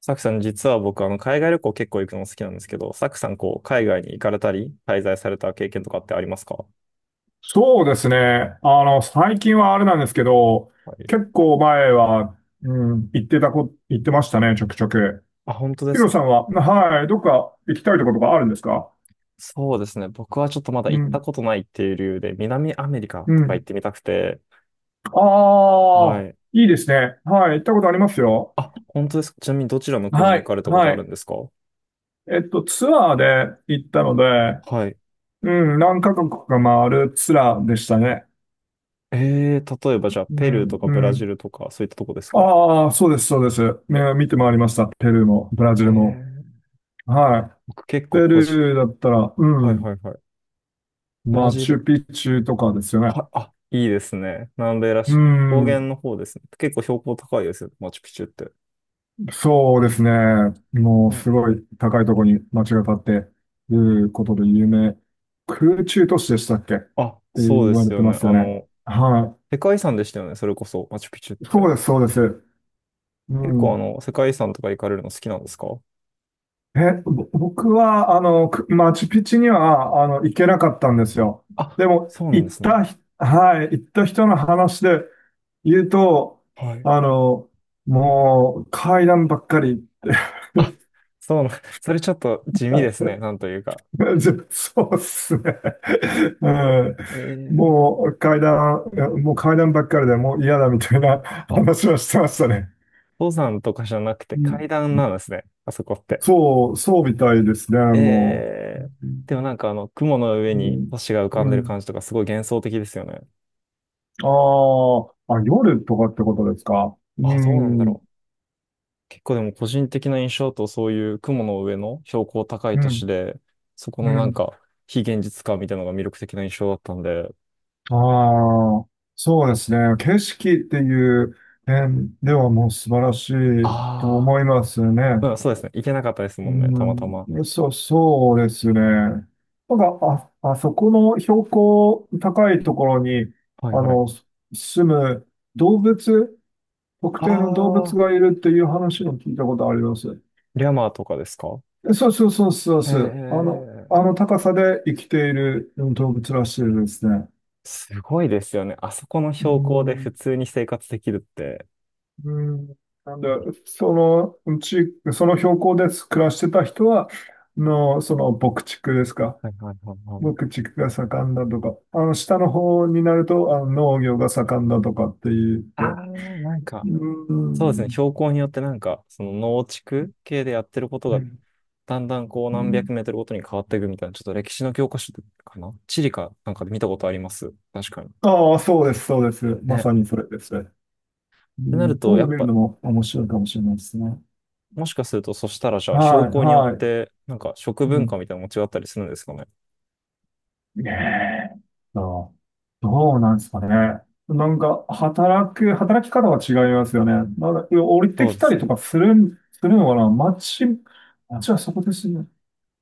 サクさん、実は僕、海外旅行結構行くの好きなんですけど、サクさん、海外に行かれたり、滞在された経験とかってありますか？そうですね。最近はあれなんですけど、はい。結構前は、うん、行ってましたね、ちょくちょく。あ、本当でヒすロか？さんは、はい、どっか行きたいところがあるんですか？そうですね。僕はちょっとまだう行ったん、ことないっていう理由で、南アメリカうとか行っん。てみたくて。あはあ、い。いいですね。はい、行ったことありますよ。あ、本当ですか？ちなみにどちらの国には行い、かれたことはあるんい。ですか？ツアーで行ったので、はい。うん、何カ国か回るツアーでしたね。例えばじゃあ、うペルーとん、かブラうジん。ルとか、そういったとこですか？ああ、そうです、そうです。ね見て回りました。ペルーも、ブラジえルも。ー、は僕結い。ペ構個人、ルーだったら、うはいん、はいはい。ブラマジチル。ュピチュとかですよね。あ、いいですね。南米らうしく。高原ん、の方ですね。結構標高高いですよね、マチュピチュって。そうですね。もうすね。ごい高いところに街が建っていることで有名。空中都市でしたっけってあ、そう言でわすれてよまね。すよね。は世界遺産でしたよね、それこそ、マチュピチュっい。そうて。です、そうです。う結構ん。世界遺産とか行かれるの好きなんですか？僕は、マチュピチュには、行けなかったんですよ。あ、でも、そうなん行でっすね。たひ、はい、行った人の話で言うと、はい。あの、もう階段ばっかり。あ、そうなん、それちょっと地味はですい ね、なんというか。そうっすね。うえん。ー、もう階段、いやもう階段ばっかりでもう嫌だみたいな あ、話はしてましたね。登山とかじゃなくてうん、階段なんですね、あそこって。そう、そうみたいですね、もえー、う。でもなんか雲の上うにん。星が浮かんでうるん。感じとかすごい幻想的ですよね。あーあ、夜とかってことですか？うあ、どうなんだん。ろう。結構でも個人的な印象だとそういう雲の上の標高高いう都市ん。で、そこのうなんん。か非現実感みたいなのが魅力的な印象だったんで、ああ、そうですね。景色っていう点ではもう素晴らしいとあ思いますあ、ね。うん、そうですね。行けなかったですもんね、たまたま。うん、そう、そうですね。なんか、あそこの標高高いところに、はいあはい。の、す住む動物、特あ定の動物あ、がいるっていう話を聞いたことあります。リャマーとかですか？そうそうそうそうへそう。あえ、の高さで生きている動物らしいですね。すごいですよね。あそこのう標高で普ん、通に生活できるって。うん、なんで、そのうち、その標高で暮らしてた人は、その牧畜ですか。はいはいはいはい。牧畜が盛んだとか、下の方になると、農業が盛んだとかって言っあて。あ、なんうか、そうん。ですね。標高によってなんか、その農地区系でやってることがだんだんこう何百メートルごとに変わっていくみたいな、ちょっと歴史の教科書かな地理かなんかで見たことあります。確かに。ああ、ー、そうです、そうです。ね。まっさにそれですね。うてなるん、そと、ういやうのっ見るぱ、のも面白いかもしれないですね。もしかすると、そしたらじゃあ、標はい、高によっはい。て、なんか食う文化ん、みたいなのも違ったりするんですかね。ねえ。ああ、どうなんですかね。なんか、働き方は違いますよね。なんか、降りてそうきでたすりとね。かするのかな、街、街はそこですね。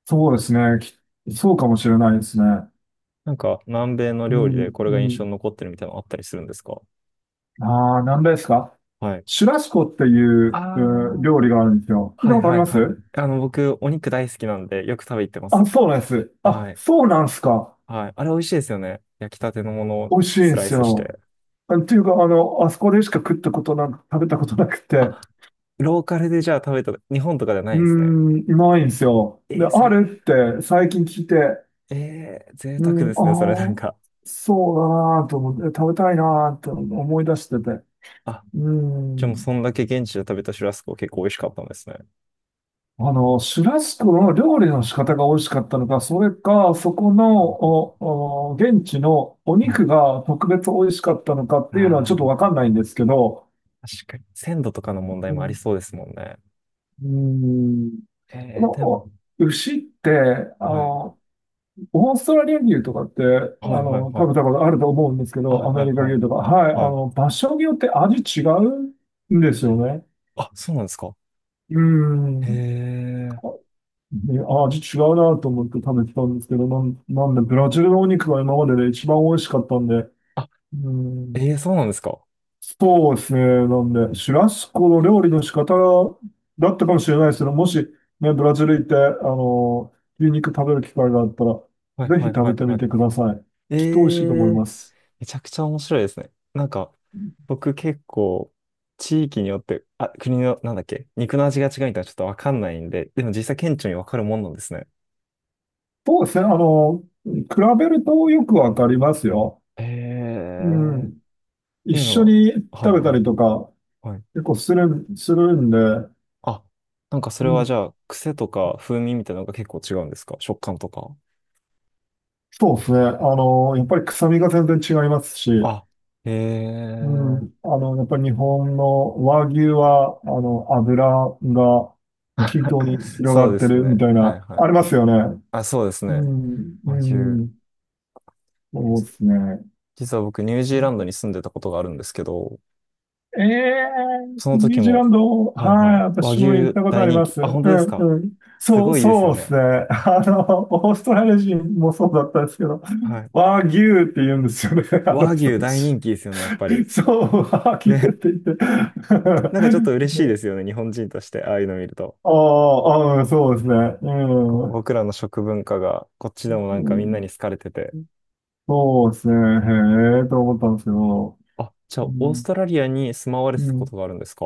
そうですね。そうかもしれないですね。なんか、南米のう料理ん、でこれがう印象ん。に残ってるみたいなのあったりするんですか？ああ、なんですか？はい。シュラスコっていあうあ、料理があるんですよ。聞いはたいことあはりいまはい。す？僕、お肉大好きなんで、よく食べ行ってまあ、す。そうなんです。はあ、い。そうなんですか。はい。あれ美味しいですよね。焼きたてのものを美味しいんスでライすスしよ。て。っていうか、あそこでしか食ったことなく、食べたことなくて。あ、ローカルでじゃあ食べた、日本とかじゃなういーんですね。ん、ないんですよ。で、そあれ、るって最近聞いて、贅う沢ん、ですね、それなあんあ、か。そうだなと思って、食べたいなと思い出してて。あ、うでもん。そんだけ現地で食べたシュラスコ結構美味しかったんですね。シュラスコの料理の仕方が美味しかったのか、それか、そこの、は現地のお肉い。が特別美味しかったのかっていうのはちょっとあわあ、かんないんですけど、確かに。鮮度とかの問題うもありん、そうですもんね。うん、このでも、牛って、あはい。の、オーストラリア牛とかって、はいはいは食べたい。ことあると思うんですけはど、いアはメいリカはい。牛とか。はい。はい。場所によって味違うんですよね。あ、そうなんですか？うへん。え。ね、味違うなと思って食べてたんですけど、なんで、ブラジルのお肉が今までで一番美味しかったんで、あ、うん。そうなんですか？そうですね。なんで、シュラスコの料理の仕方だったかもしれないですけど、もし、ね、ブラジル行って、あの、牛肉食べる機会があったら、はいぜひはい食はべいてみはい。てください。えきっと美味しいと思いえ。ます。めちゃくちゃ面白いですね。なんか、僕結構、地域によって、あ、国の、なんだっけ、肉の味が違うみたいなちょっとわかんないんで、でも実際顕著にわかるもんなんですね。そうですね。比べるとよくわかりますよ。へうえ。っん。て一いうの緒には、はい食べたはいりとか、はい。結構するんで、あ、なんかそれうはじん、ゃあ、癖とか風味みたいなのが結構違うんですか？食感とか。そうですね。やっぱり臭みが全然違いますし、あ、へうえ。ん。やっぱり日本の和牛は、油が均等に 広そがうっでてするみね。たいはいな、はありいまはい。すよね。あ、そうですうね。ん、和う牛。ん、そうじですね。実は僕、ニュージーランドに住んでたことがあるんですけど、ええそのニュ時ージーラも、ンド、はいははい、い。和私も行っ牛たこと大あり人ま気。す。あ、う本当ですん、か？うん。すそう、ごいですよそうですね。ね。オーストラリア人もそうだったんですけど、はい。和牛って言うんですよね、あの和人牛た大ち。人気ですよね、やっぱり。そう、和牛ってね。言って。なんかちょっと嬉しいですよね、日本人として、ああいうの見ると。ああ、うん、そうですね。うこん。う僕らの食文化が、こっちでもなんかみんなん、に好かれてて。そうですね。へえ、と思ったんですけど。あ、じゃうあ、オースん、トラリアに住まわれうてたことん、があるんですか？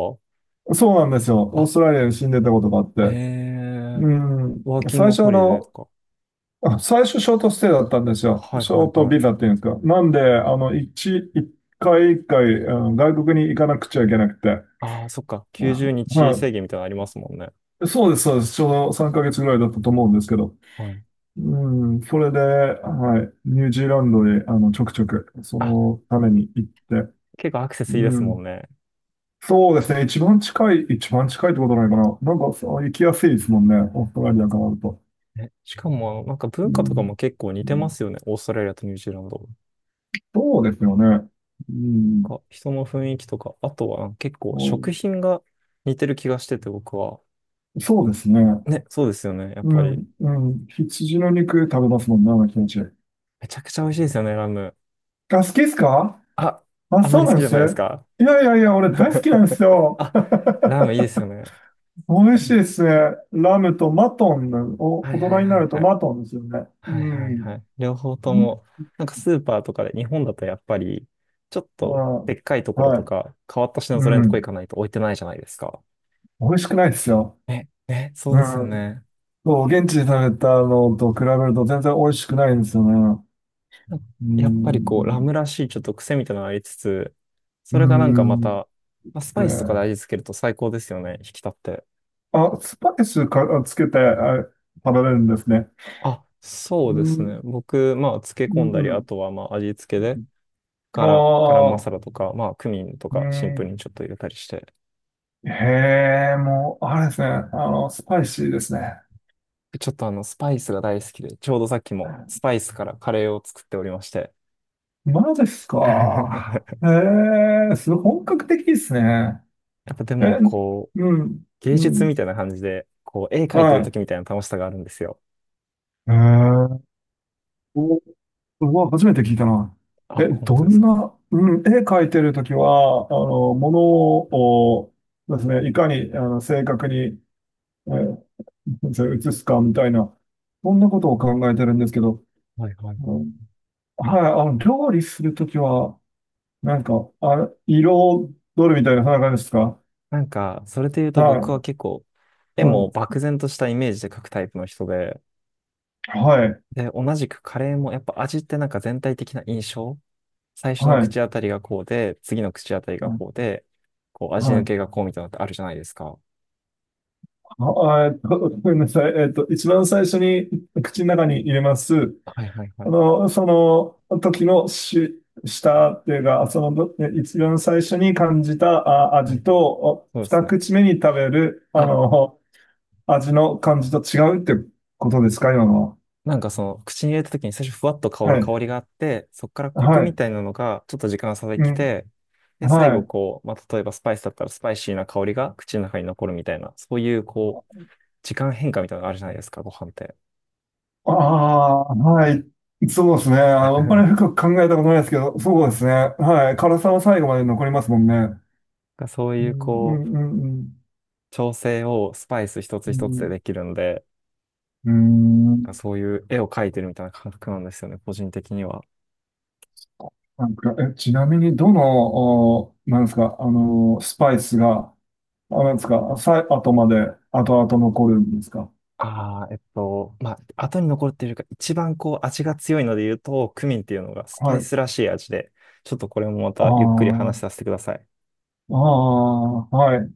そうなんですよ。オあ、ーストラリアに死んでたことがあっへて。え、うん。ワーキン最グ初ホあリデーの、とあ最初ショートステイだったんですか。よ。はいシはョいートはい。ビザっていうんですか？なんで、一回一回、外国に行かなくちゃいけなくて。ああ、そっか。ま90あ、日は制限みたいなのありますもんね。い。そうです、そうです。ちょうど3ヶ月ぐらいだったと思うんですけど。はい。うん、それで、はい。ニュージーランドに、ちょくちょく、そあ、のために行って。結構アクセスいいでうすもん。んね。そうですね。一番近いってことないかな。なんか、そう行きやすいですもんね。オーストラリアからだと。ね、しかも、なんかう文化とかん、も結構似うてまん、すよね。オーストラリアとニュージーランドそうですよね。うん。が。人の雰囲気とか、あとは結構食品が似てる気がしてて、僕は。そうですね。ね、そうですよね。やっうぱり。ん、うん。羊の肉食べますもんな、毎日。めちゃくちゃ美味しいですよね、ラム。あ、好きですか？あ、あ、あまそりう好きなんじでゃす。ないですか。いやいやいや、俺大好きなんです よ。あ、ラムいいですよね。美味しい ですね。ラムとマトンの、はい大は人いにはないるとはい。マトンですよね。はいうはいはん。い。両方とにも、なんかスーパーとかで、日本だとやっぱり、ちょっあとー、でっかいところはとい。か、変わった品う揃えのとこ行ん。かないと置いてないじゃないですか。美味しくないですよ。ね、ね、そううですよん。ね。そう、現地で食べたのと比べると全然美味しくないんですよね。なんかうやっぱりこう、ラムん。らしいちょっと癖みたいなのがありつつ、そうれがなんかまん。た、まあ、スパイスとかで味ね付けると最高ですよね、引き立って。あ、スパイスか、つけて、食べれるんですね。あ、そううですね。ん、僕、まあ、漬けう込んだり、ん、うあん。とはまあ、味付けで、ガラ、ガラムマああ、サラとか、まあ、クミンとうか、シンプルん。にちょっと入れたりして、へえ、もう、あれですね。スパイシーですね。ちょっとスパイスが大好きで、ちょうどさっきもスパイスからカレーを作っておりまして。マジですか？やへえ、すごい本格的ですね。っぱでえ、も、こう、うん、芸う術みん。たいな感じで、こう、絵描いてはるい。時みたいな楽しさがあるんですよ。へえ、お、うわ、初めて聞いたな。あ、本ど当ですんか？な、うん、絵描いてるときは、ものをですね、いかに、正確に、えそれ移すかみたいな、そんなことを考えてるんですけど、はいはいうはい。ん、はあ、い、料理するときは、なんか、色どるみたいな、そんな感じですか？なんか、それで言うとは僕は結い、構、絵はもい、漠然としたイメージで描くタイプの人で、はい、で、同じくカレーもやっぱ味ってなんか全体的な印象、最初のは口い、当たりがこうで、次の口当たりがこうで、こうは味抜い。けがこうみたいなのってあるじゃないですか。ごめんなさい。一番最初に 口の中に入れます。はいはいはい。その時の舌っていうか、そのど、え一番最初に感じたは味い。と、そうです二ね。口目に食べる、あ、味の感じと違うってことですか、今のは？なんかその、口に入れた時に最初ふわっと香るはい。香りがあって、そこからコクはみい。たいなのがちょっと時間が差でうきん。て、で、最は後い。こう、まあ、例えばスパイスだったらスパイシーな香りが口の中に残るみたいな、そういうこう、時間変化みたいなのがあるじゃないですか、ご飯って。ああ、はい。そうですね。あなんんまり深く考えたことないですけど、そうですね。はい。辛さは最後まで残りますもんね。かそうういうん、うこう、ん、うん、調整をスパイス一うつ一つでん。できるんで、うん。うーなんかん、そういう絵を描いてるみたいな感覚なんですよね、個人的には。なんか、ちなみに、どの、なんですか、スパイスが、なんですか、後まで、後々残るんですか？ああ、まあ、後に残っているか、一番こう味が強いので言うと、クミンっていうのがスパはイい。スらしい味で、ちょっとこれもまあたゆっくり話あ、させてください。ああ、はい。